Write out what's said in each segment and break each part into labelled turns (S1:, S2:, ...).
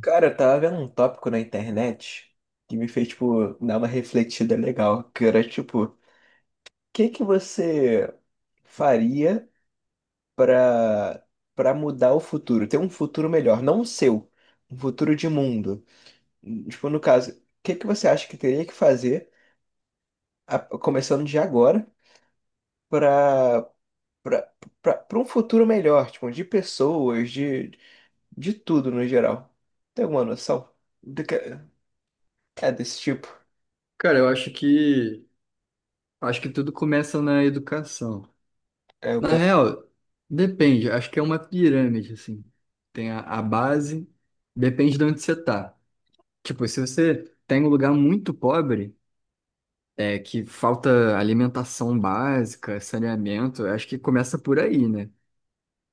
S1: Cara, eu tava vendo um tópico na internet que me fez, tipo, dar uma refletida legal, que era, tipo, o que que você faria pra, pra mudar o futuro, ter um futuro melhor, não o seu, um futuro de mundo. Tipo, no caso, o que que você acha que teria que fazer, começando de agora, pra, pra, pra um futuro melhor, tipo, de pessoas, de tudo no geral? Tem alguma noção do que é desse tipo?
S2: Cara, eu acho que tudo começa na educação.
S1: É o
S2: Na real, depende, acho que é uma pirâmide assim. Tem a base, depende de onde você tá. Tipo, se você tem um lugar muito pobre, é que falta alimentação básica, saneamento, eu acho que começa por aí, né?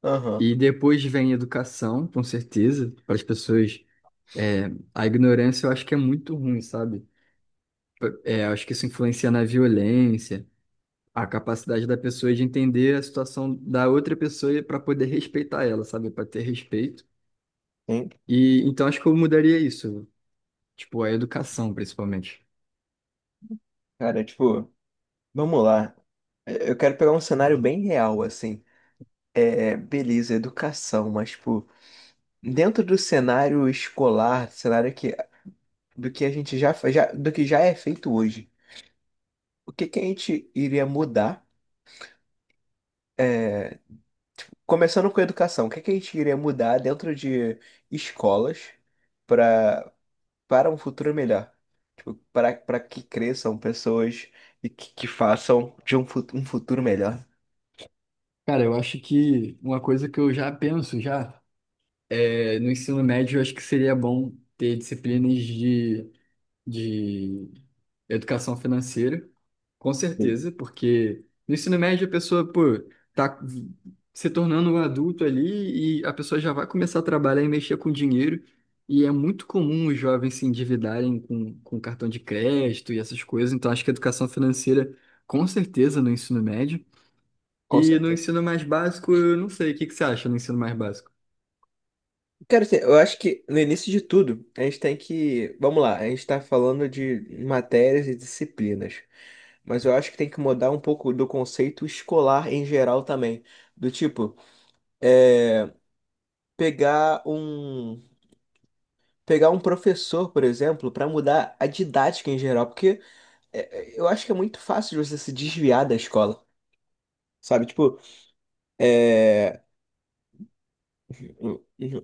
S1: Aham.
S2: E depois vem educação, com certeza, para as pessoas. é, a ignorância eu acho que é muito ruim, sabe? Eu acho que isso influencia na violência. A capacidade da pessoa de entender a situação da outra pessoa para poder respeitar ela, sabe? Para ter respeito.
S1: Hein?
S2: E então acho que eu mudaria isso, tipo, a educação, principalmente.
S1: Cara, tipo, vamos lá. Eu quero pegar um cenário bem real, assim. Beleza, educação, mas, tipo, dentro do cenário escolar, cenário que, do que a gente já, já, do que já é feito hoje, o que que a gente iria mudar? Começando com a educação, o que que a gente iria mudar dentro de escolas para para um futuro melhor? Tipo, para que cresçam pessoas e que façam um futuro melhor.
S2: Cara, eu acho que uma coisa que eu já penso já é no ensino médio. Eu acho que seria bom ter disciplinas de de educação financeira, com
S1: Sim.
S2: certeza, porque no ensino médio a pessoa, pô, tá se tornando um adulto ali e a pessoa já vai começar a trabalhar e mexer com dinheiro. E é muito comum os jovens se endividarem com cartão de crédito e essas coisas. Então, acho que a educação financeira, com certeza, no ensino médio.
S1: Com
S2: E no ensino mais básico, eu não sei. O que que você acha no ensino mais básico?
S1: Cara, assim, eu acho que no início de tudo, a gente tem que. Vamos lá, a gente está falando de matérias e disciplinas. Mas eu acho que tem que mudar um pouco do conceito escolar em geral também. Do tipo, é, pegar um pegar um professor, por exemplo, para mudar a didática em geral, porque eu acho que é muito fácil de você se desviar da escola. Sabe, tipo,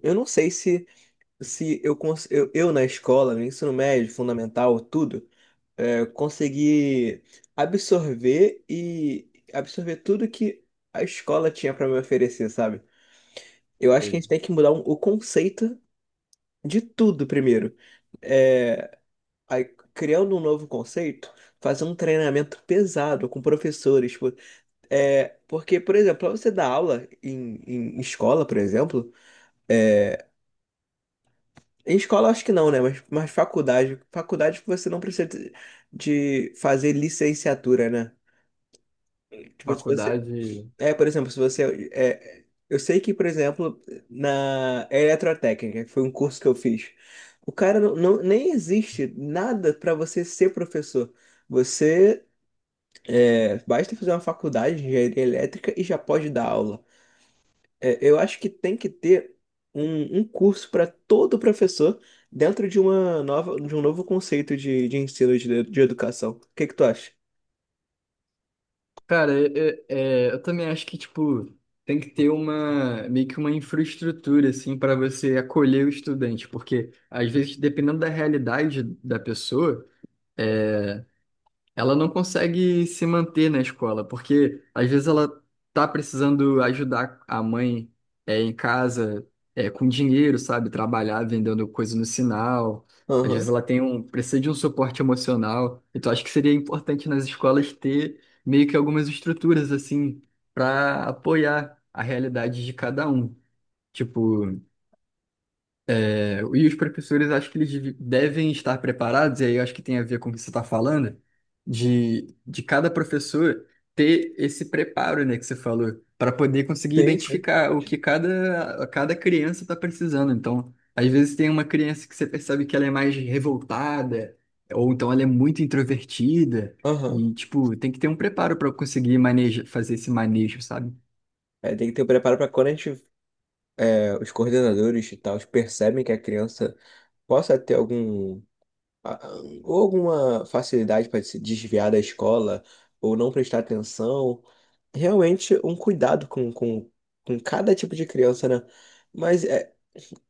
S1: eu não sei se eu, eu na escola, no ensino médio, fundamental, tudo, conseguir absorver e absorver tudo que a escola tinha para me oferecer, sabe? Eu acho que a
S2: Sei.
S1: gente tem que mudar o conceito de tudo primeiro. É, aí, criando um novo conceito, fazer um treinamento pesado com professores. Tipo, porque, por exemplo, pra você dar aula em escola, por exemplo, em escola acho que não, né? Mas faculdade, faculdade você não precisa de fazer licenciatura, né? Tipo, se você
S2: Faculdade.
S1: É, por exemplo, se você. Eu sei que, por exemplo, na eletrotécnica, que foi um curso que eu fiz, o cara não, nem existe nada para você ser professor. Você basta fazer uma faculdade de engenharia elétrica e já pode dar aula. Eu acho que tem que ter um curso para todo professor dentro de de um novo conceito de ensino de educação. O que que tu acha?
S2: Cara, eu também acho que, tipo, tem que ter uma, meio que uma infraestrutura, assim, para você acolher o estudante, porque, às vezes, dependendo da realidade da pessoa, é, ela não consegue se manter na escola, porque às vezes ela tá precisando ajudar a mãe, em casa, com dinheiro, sabe? Trabalhar vendendo coisa no sinal. Às vezes
S1: Aham,
S2: ela precisa de um suporte emocional. Então acho que seria importante nas escolas ter meio que algumas estruturas assim para apoiar a realidade de cada um. Tipo, e os professores, acho que eles devem estar preparados, e aí eu acho que tem a ver com o que você está falando, de, cada professor ter esse preparo, né, que você falou, para poder conseguir
S1: sim, sim.
S2: identificar o que cada criança está precisando. Então, às vezes tem uma criança que você percebe que ela é mais revoltada, ou então ela é muito introvertida,
S1: Aham.
S2: e, tipo, tem que ter um preparo para conseguir fazer esse manejo, sabe?
S1: Tem que ter o preparo para quando a gente os coordenadores e tal percebem que a criança possa ter algum a- a- ou alguma facilidade para se desviar da escola ou não prestar atenção, realmente um cuidado com cada tipo de criança, né? Mas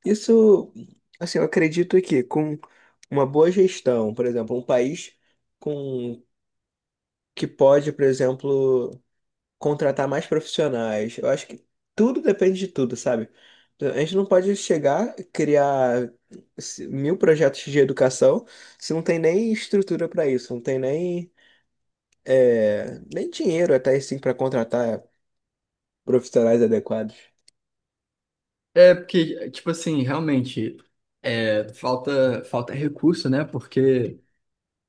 S1: isso, assim, eu acredito que com uma boa gestão, por exemplo, um país com que pode, por exemplo, contratar mais profissionais. Eu acho que tudo depende de tudo, sabe? Então, a gente não pode chegar, criar mil projetos de educação se não tem nem estrutura para isso, não tem nem, nem dinheiro até assim para contratar profissionais adequados.
S2: É porque, tipo assim, realmente, falta recurso, né? Porque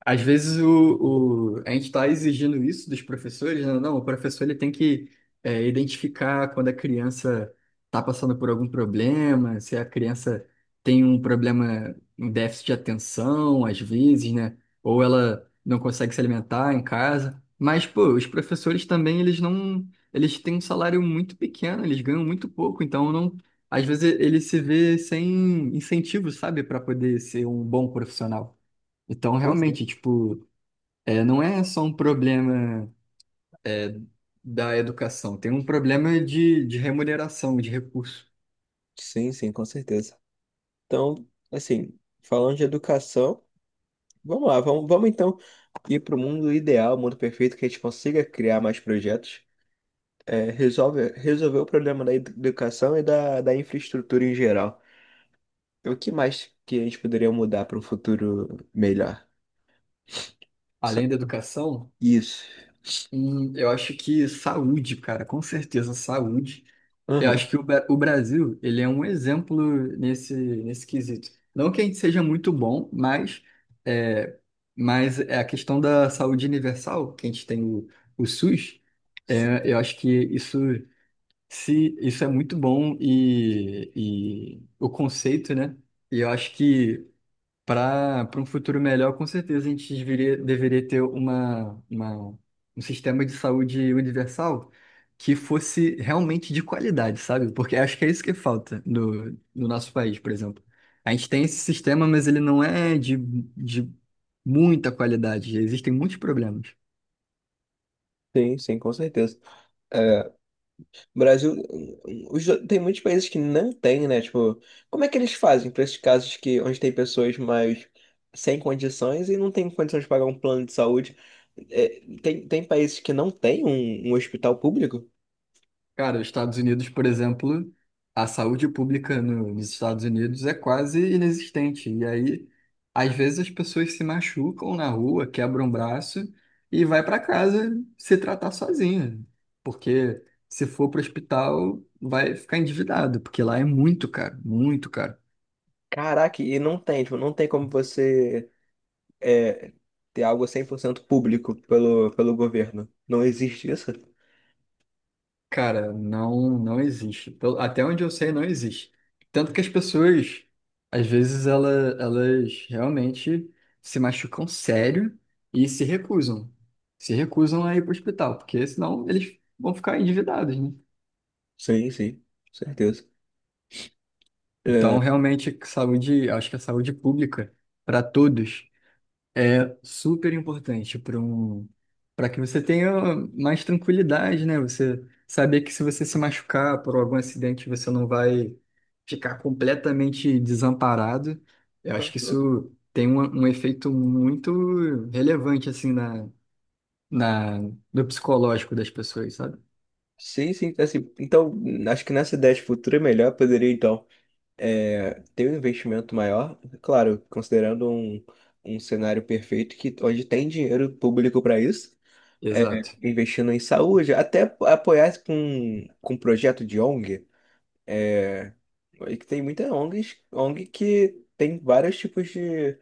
S2: às vezes a gente está exigindo isso dos professores, né? Não, o professor ele tem que identificar quando a criança está passando por algum problema, se a criança tem um problema, um déficit de atenção, às vezes, né? Ou ela não consegue se alimentar em casa. Mas, pô, os professores também, eles não, eles têm um salário muito pequeno, eles ganham muito pouco, então não, às vezes ele se vê sem incentivo, sabe, para poder ser um bom profissional. Então,
S1: Sim,
S2: realmente,
S1: sim.
S2: tipo, não é só um problema é, da educação, tem um problema de, remuneração, de recurso.
S1: Sim, sim, com certeza. Então, assim, falando de educação, vamos lá, vamos então ir para o mundo ideal, mundo perfeito, que a gente consiga criar mais projetos resolver o problema da educação e da infraestrutura em geral. O que mais que a gente poderia mudar para um futuro melhor? Sa-
S2: Além da educação,
S1: Isso.
S2: eu acho que saúde, cara, com certeza saúde. Eu
S1: Aham.
S2: acho que o Brasil, ele é um exemplo nesse quesito. Não que a gente seja muito bom, mas é, é a questão da saúde universal, que a gente tem o SUS. Eu acho que se isso é muito bom e, o conceito, né? E eu acho que para um futuro melhor, com certeza a gente deveria ter uma, um sistema de saúde universal que fosse realmente de qualidade, sabe? Porque acho que é isso que falta no nosso país, por exemplo. A gente tem esse sistema, mas ele não é de, de muita qualidade. Existem muitos problemas.
S1: Sim, sim, com certeza. É, o Brasil, tem muitos países que não tem, né? Tipo, como é que eles fazem para esses casos que onde tem pessoas mais sem condições e não tem condições de pagar um plano de saúde? Tem países que não tem um hospital público?
S2: Cara, os Estados Unidos, por exemplo, a saúde pública nos Estados Unidos é quase inexistente. E aí, às vezes, as pessoas se machucam na rua, quebram o braço e vai para casa se tratar sozinha. Porque se for para o hospital, vai ficar endividado, porque lá é muito caro, muito caro.
S1: Caraca, e não tem, tipo, não tem como é, ter algo 100% público pelo governo. Não existe isso?
S2: Cara, não, não existe. Até onde eu sei, não existe. Tanto que as pessoas, às vezes, elas realmente se machucam sério e se recusam a ir para o hospital, porque senão eles vão ficar endividados, né?
S1: Sim, sim, certeza.
S2: Então, realmente, saúde, acho que a saúde pública para todos. É super importante para que você tenha mais tranquilidade, né? Você saber que se você se machucar por algum acidente, você não vai ficar completamente desamparado. Eu acho que
S1: Uhum.
S2: isso tem um efeito muito relevante assim na, na no psicológico das pessoas, sabe?
S1: Sim, sim, assim, então acho que nessa ideia de futuro é melhor, poderia então ter um investimento maior, claro, considerando um cenário perfeito que onde tem dinheiro público para isso, é,
S2: Exato.
S1: investindo em saúde, até apoiar com projeto de ONG, é, que tem muita ONGs, ONG que tem vários tipos de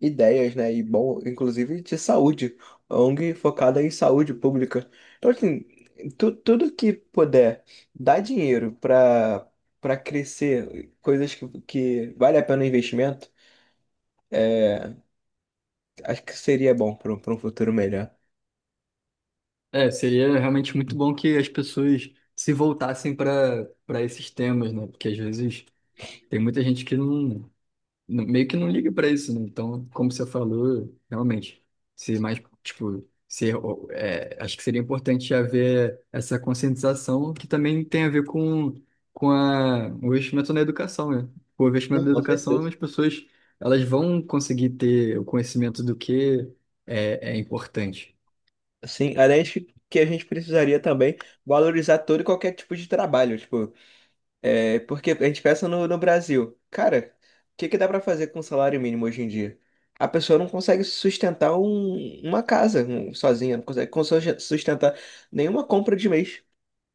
S1: ideias, né? E bom, inclusive de saúde, ONG focada em saúde pública. Então, assim, tudo que puder dar dinheiro para crescer, coisas que vale a pena o investimento, acho que seria bom para um pra um futuro melhor.
S2: É, seria realmente muito bom que as pessoas se voltassem para esses temas, né? Porque às vezes tem muita gente que meio que não liga pra isso, né? Então, como você falou, realmente, se mais, tipo, se, o- é, acho que seria importante haver essa conscientização que também tem a ver com o investimento na educação, né? O investimento
S1: Sim,
S2: na
S1: com
S2: educação,
S1: certeza.
S2: as pessoas, elas vão conseguir ter o conhecimento do que é importante.
S1: Sim, além de que a gente precisaria também valorizar todo e qualquer tipo de trabalho, tipo porque a gente pensa no Brasil. Cara, o que que dá pra fazer com o salário mínimo hoje em dia? A pessoa não consegue sustentar uma casa sozinha, não consegue sustentar nenhuma compra de mês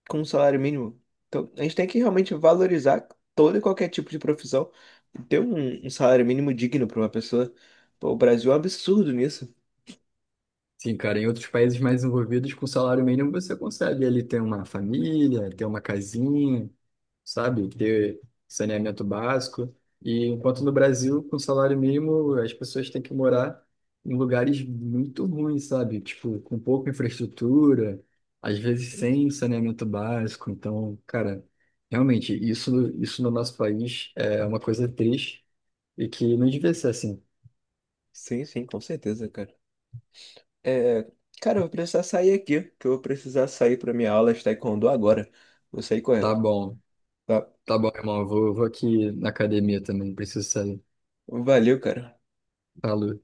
S1: com um salário mínimo. Então, a gente tem que realmente valorizar todo e qualquer tipo de profissão, e ter um salário mínimo digno pra uma pessoa. Pô, o Brasil é um absurdo nisso.
S2: Sim, cara, em outros países mais desenvolvidos, com salário mínimo, você consegue ali ter uma família, ter uma casinha, sabe? Ter saneamento básico. E enquanto no Brasil, com salário mínimo, as pessoas têm que morar em lugares muito ruins, sabe? Tipo, com pouca infraestrutura, às vezes sem saneamento básico. Então, cara, realmente, isso no nosso país é uma coisa triste e que não devia ser assim.
S1: Sim, sim, com certeza, cara. É, cara, eu vou precisar sair aqui, que eu vou precisar sair pra minha aula de taekwondo agora. Vou sair
S2: Tá
S1: correndo.
S2: bom,
S1: Tá?
S2: tá bom, irmão. Vou aqui na academia também, preciso sair.
S1: Valeu, cara.
S2: Falou.